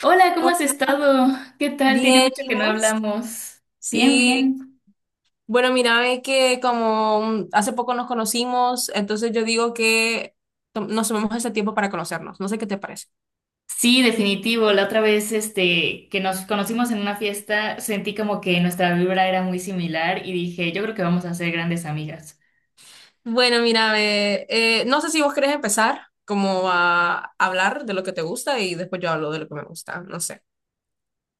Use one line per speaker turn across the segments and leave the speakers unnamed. Hola, ¿cómo has
Hola,
estado? ¿Qué tal? Tiene
bien,
mucho
¿y
que no
vos?
hablamos. Bien,
Sí,
bien.
bueno, mira, ve que como hace poco nos conocimos, entonces yo digo que nos tomemos este tiempo para conocernos, no sé qué te parece.
Sí, definitivo. La otra vez, este, que nos conocimos en una fiesta, sentí como que nuestra vibra era muy similar y dije, yo creo que vamos a ser grandes amigas.
Bueno, mira, ve, no sé si vos querés empezar como a hablar de lo que te gusta y después yo hablo de lo que me gusta, no sé,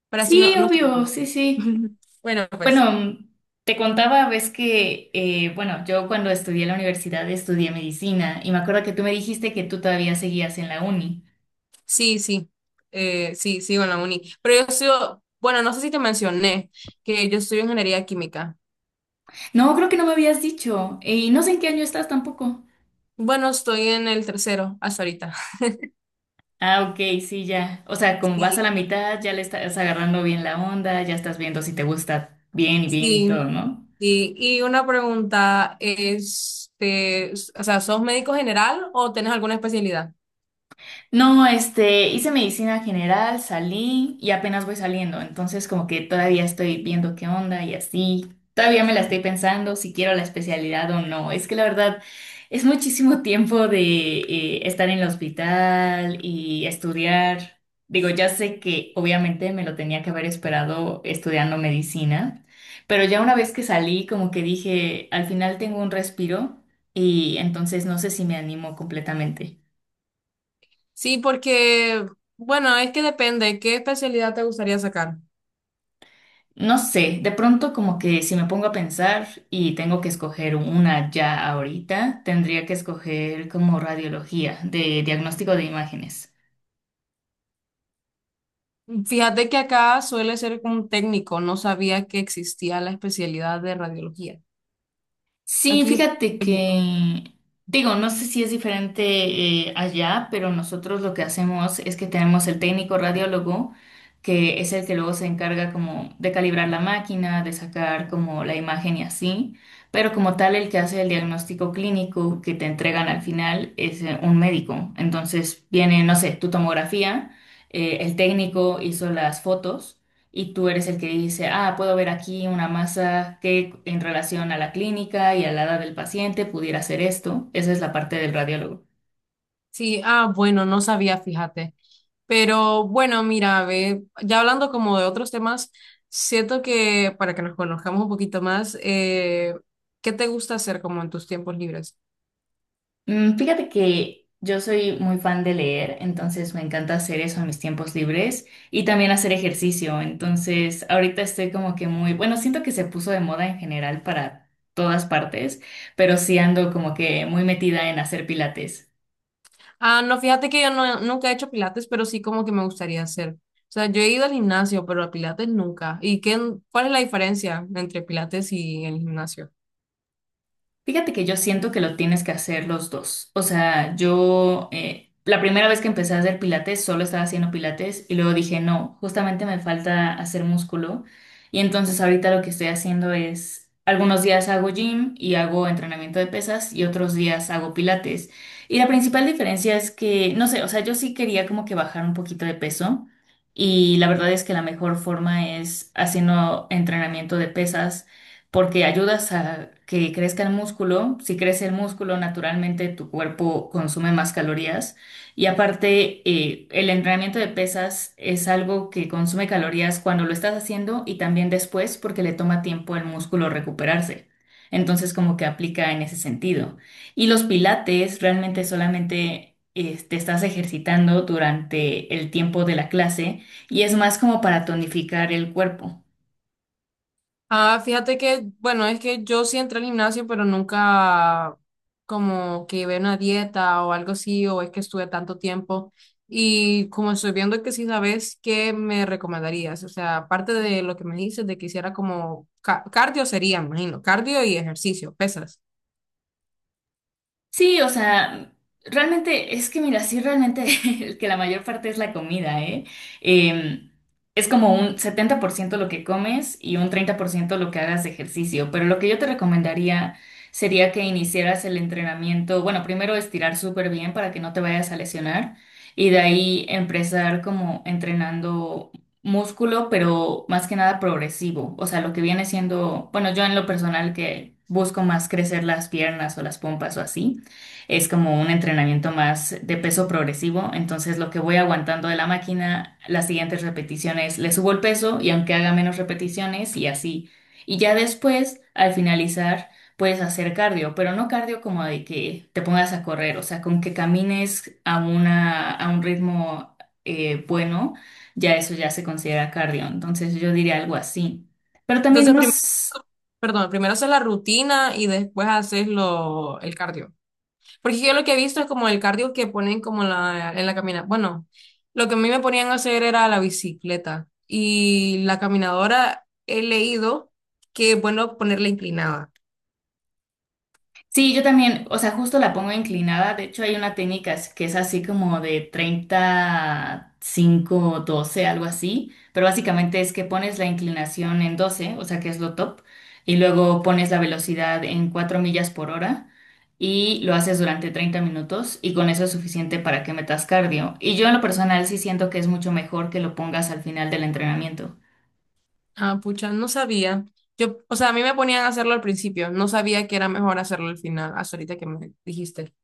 para así
Sí,
no, nos
obvio,
estarnos.
sí, sí.
Bueno, pues
Bueno, te contaba, ves que, bueno, yo cuando estudié en la universidad estudié medicina y me acuerdo que tú me dijiste que tú todavía seguías en la uni.
sí, sí, sí, sigo en la uni, pero yo sigo, bueno, no sé si te mencioné que yo estudio ingeniería química.
No, creo que no me habías dicho y no sé en qué año estás tampoco.
Bueno, estoy en el tercero hasta ahorita.
Ah, ok, sí, ya. O sea, como vas a
Sí.
la mitad, ya le estás agarrando bien la onda, ya estás viendo si te gusta bien y bien y todo,
Sí,
¿no?
sí. Y una pregunta, este, o sea, ¿sos médico general o tenés alguna especialidad?
No, este, hice medicina general, salí y apenas voy saliendo, entonces como que todavía estoy viendo qué onda y así. Todavía me la estoy pensando si quiero la especialidad o no. Es que la verdad es muchísimo tiempo de estar en el hospital y estudiar. Digo, ya sé que obviamente me lo tenía que haber esperado estudiando medicina, pero ya una vez que salí como que dije, al final tengo un respiro y entonces no sé si me animo completamente.
Sí, porque, bueno, es que depende, ¿qué especialidad te gustaría sacar?
No sé, de pronto como que si me pongo a pensar y tengo que escoger una ya ahorita, tendría que escoger como radiología de diagnóstico de imágenes.
Fíjate que acá suele ser como un técnico, no sabía que existía la especialidad de radiología.
Sí,
Aquí,
fíjate
técnico.
que, digo, no sé si es diferente allá, pero nosotros lo que hacemos es que tenemos el técnico radiólogo, que es el que luego se encarga como de calibrar la máquina, de sacar como la imagen y así, pero como tal el que hace el diagnóstico clínico que te entregan al final es un médico. Entonces viene, no sé, tu tomografía, el técnico hizo las fotos y tú eres el que dice, ah, puedo ver aquí una masa que en relación a la clínica y a la edad del paciente pudiera hacer esto. Esa es la parte del radiólogo.
Sí, ah, bueno, no sabía, fíjate. Pero bueno, mira, ve, ya hablando como de otros temas, siento que para que nos conozcamos un poquito más, ¿qué te gusta hacer como en tus tiempos libres?
Fíjate que yo soy muy fan de leer, entonces me encanta hacer eso en mis tiempos libres y también hacer ejercicio. Entonces, ahorita estoy como que muy, bueno, siento que se puso de moda en general para todas partes, pero sí ando como que muy metida en hacer pilates.
Ah, no, fíjate que yo no, nunca he hecho pilates, pero sí como que me gustaría hacer. O sea, yo he ido al gimnasio, pero a pilates nunca. ¿Y qué, cuál es la diferencia entre pilates y el gimnasio?
Fíjate que yo siento que lo tienes que hacer los dos. O sea, yo la primera vez que empecé a hacer pilates solo estaba haciendo pilates y luego dije, no, justamente me falta hacer músculo. Y entonces ahorita lo que estoy haciendo es, algunos días hago gym y hago entrenamiento de pesas y otros días hago pilates. Y la principal diferencia es que, no sé, o sea, yo sí quería como que bajar un poquito de peso y la verdad es que la mejor forma es haciendo entrenamiento de pesas porque ayudas a que crezca el músculo. Si crece el músculo, naturalmente tu cuerpo consume más calorías. Y aparte, el entrenamiento de pesas es algo que consume calorías cuando lo estás haciendo y también después porque le toma tiempo al músculo recuperarse. Entonces, como que aplica en ese sentido. Y los pilates realmente solamente te estás ejercitando durante el tiempo de la clase y es más como para tonificar el cuerpo.
Ah, fíjate que, bueno, es que yo sí entré al gimnasio, pero nunca como que ve una dieta o algo así, o es que estuve tanto tiempo. Y como estoy viendo que sí sabes, ¿qué me recomendarías? O sea, aparte de lo que me dices, de que hiciera como cardio sería, me imagino, cardio y ejercicio, pesas.
Sí, o sea, realmente es que mira, sí, realmente que la mayor parte es la comida, ¿eh? Em, es como un 70% lo que comes y un 30% lo que hagas de ejercicio, pero lo que yo te recomendaría sería que iniciaras el entrenamiento, bueno, primero estirar súper bien para que no te vayas a lesionar y de ahí empezar como entrenando músculo, pero más que nada progresivo, o sea, lo que viene siendo, bueno, yo en lo personal que busco más crecer las piernas o las pompas o así es como un entrenamiento más de peso progresivo, entonces lo que voy aguantando de la máquina, las siguientes repeticiones le subo el peso y aunque haga menos repeticiones y así. Y ya después, al finalizar, puedes hacer cardio, pero no cardio como de que te pongas a correr, o sea, con que camines a una, a un ritmo bueno, ya eso ya se considera cardio, entonces yo diría algo así. Pero también
Entonces,
no,
primero,
s-
perdón, primero haces la rutina y después haces lo, el cardio. Porque yo lo que he visto es como el cardio que ponen como la, en la caminata. Bueno, lo que a mí me ponían a hacer era la bicicleta y la caminadora he leído que es bueno ponerla inclinada.
Sí, yo también, o sea, justo la pongo inclinada. De hecho, hay una técnica es- que es así como de 30 5 12, algo así. Pero básicamente es que pones la inclinación en 12, o sea, que es lo top, y luego pones la velocidad en 4 millas por hora y lo haces durante 30 minutos y con eso es suficiente para que metas cardio. Y yo en lo personal sí siento que es mucho mejor que lo pongas al final del entrenamiento.
Ah, pucha, no sabía. Yo, o sea, a mí me ponían a hacerlo al principio, no sabía que era mejor hacerlo al final, hasta ahorita que me dijiste.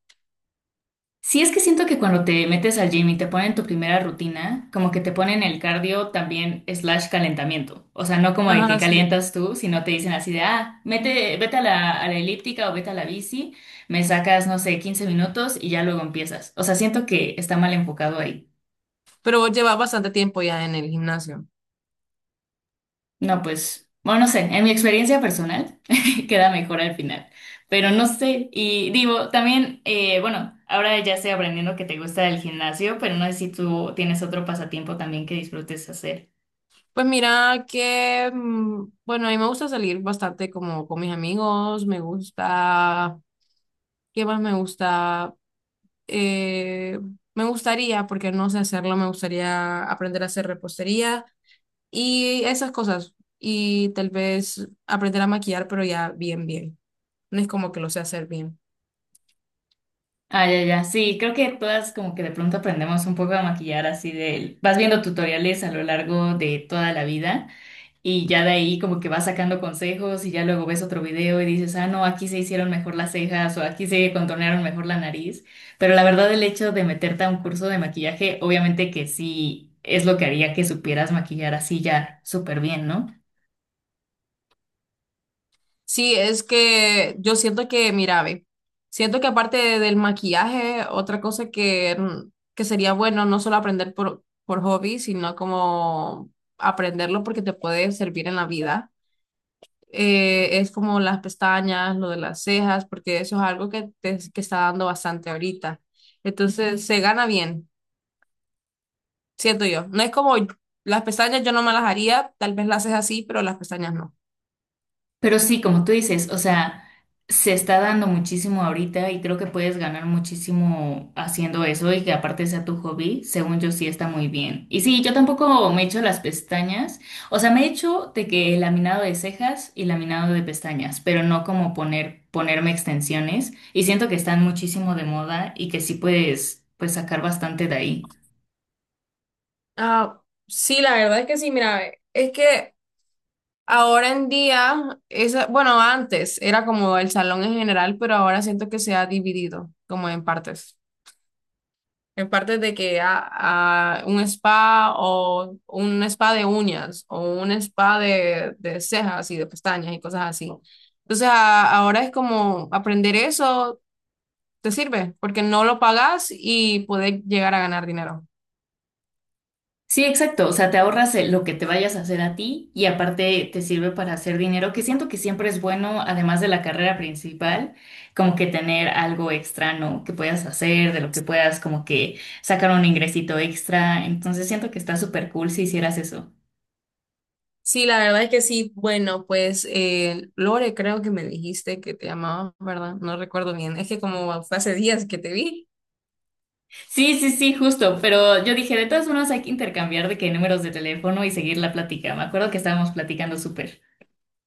Sí, es que siento que cuando te metes al gym y te ponen tu primera rutina, como que te ponen el cardio también slash calentamiento. O sea, no como de que
Ajá, sí.
calientas tú, sino te dicen así de, ah, mete, vete a la elíptica o vete a la bici, me sacas, no sé, 15 minutos y ya luego empiezas. O sea, siento que está mal enfocado ahí.
Pero vos llevas bastante tiempo ya en el gimnasio.
No, pues, bueno, no sé, en mi experiencia personal queda mejor al final, pero no sé, y digo, también, bueno, ahora ya estoy aprendiendo que te gusta el gimnasio, pero no sé si tú tienes otro pasatiempo también que disfrutes hacer.
Pues mira que, bueno, a mí me gusta salir bastante como con mis amigos, me gusta... ¿Qué más me gusta? eh, Me gustaría, porque no sé hacerlo, me gustaría aprender a hacer repostería y esas cosas. Y tal vez aprender a maquillar, pero ya bien, bien. No es como que lo sé hacer bien.
Ah, ya, ya, sí, creo que todas como que de pronto aprendemos un poco a maquillar así del, vas viendo tutoriales a lo largo de toda la vida. Y ya de ahí como que vas sacando consejos y ya luego ves otro video y dices, ah, no, aquí se hicieron mejor las cejas o aquí se contornearon mejor la nariz. Pero la verdad el hecho de meterte a un curso de maquillaje, obviamente que sí es lo que haría que supieras maquillar así ya súper bien, ¿no?
Sí, es que yo siento que, mira, ve, siento que del maquillaje, otra cosa que, que sería bueno no solo aprender por hobby, sino como aprenderlo porque te puede servir en la vida es como las pestañas, lo de las cejas, porque eso es algo que, que está dando bastante ahorita. Entonces se gana bien, siento yo. No es como las pestañas, yo no me las haría, tal vez las cejas sí, pero las pestañas no.
Pero sí, como tú dices, o sea, se está dando muchísimo ahorita y creo que puedes ganar muchísimo haciendo eso y que aparte sea tu hobby, según yo sí está muy bien. Y sí, yo tampoco me he hecho las pestañas, o sea, me he hecho de que laminado de cejas y laminado de pestañas, pero no como poner, ponerme extensiones y siento que están muchísimo de moda y que sí puedes, pues sacar bastante de ahí.
Ah, sí, la verdad es que sí, mira, es que ahora en día, esa, bueno, antes era como el salón en general, pero ahora siento que se ha dividido como en partes. En parte de que a un spa o un spa de uñas o un spa de cejas y de pestañas y cosas así. Entonces ahora es como aprender eso te sirve porque no lo pagas y puedes llegar a ganar dinero.
Sí, exacto. O sea, te ahorras lo que te vayas a hacer a ti y aparte te sirve para hacer dinero, que siento que siempre es bueno, además de la carrera principal, como que tener algo extra, ¿no? Que puedas hacer, de lo que puedas como que sacar un ingresito extra. Entonces siento que está súper cool si hicieras eso.
Sí, la verdad es que sí. Bueno, pues Lore, creo que me dijiste que te llamabas, ¿verdad? No recuerdo bien. Es que como fue hace días que te vi.
Sí, sí, sí, justo. Pero yo dije, de todas formas hay que intercambiar de qué números de teléfono y seguir la plática. Me acuerdo que estábamos platicando súper.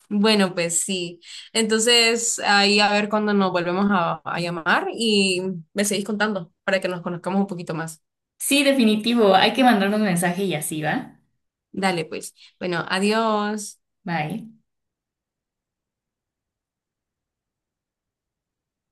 Bueno, pues sí. Entonces, ahí a ver cuándo nos volvemos a llamar y me seguís contando para que nos conozcamos un poquito más.
Sí, definitivo. Hay que mandarnos mensaje y así, ¿va?
Dale, pues. Bueno, adiós.
Bye.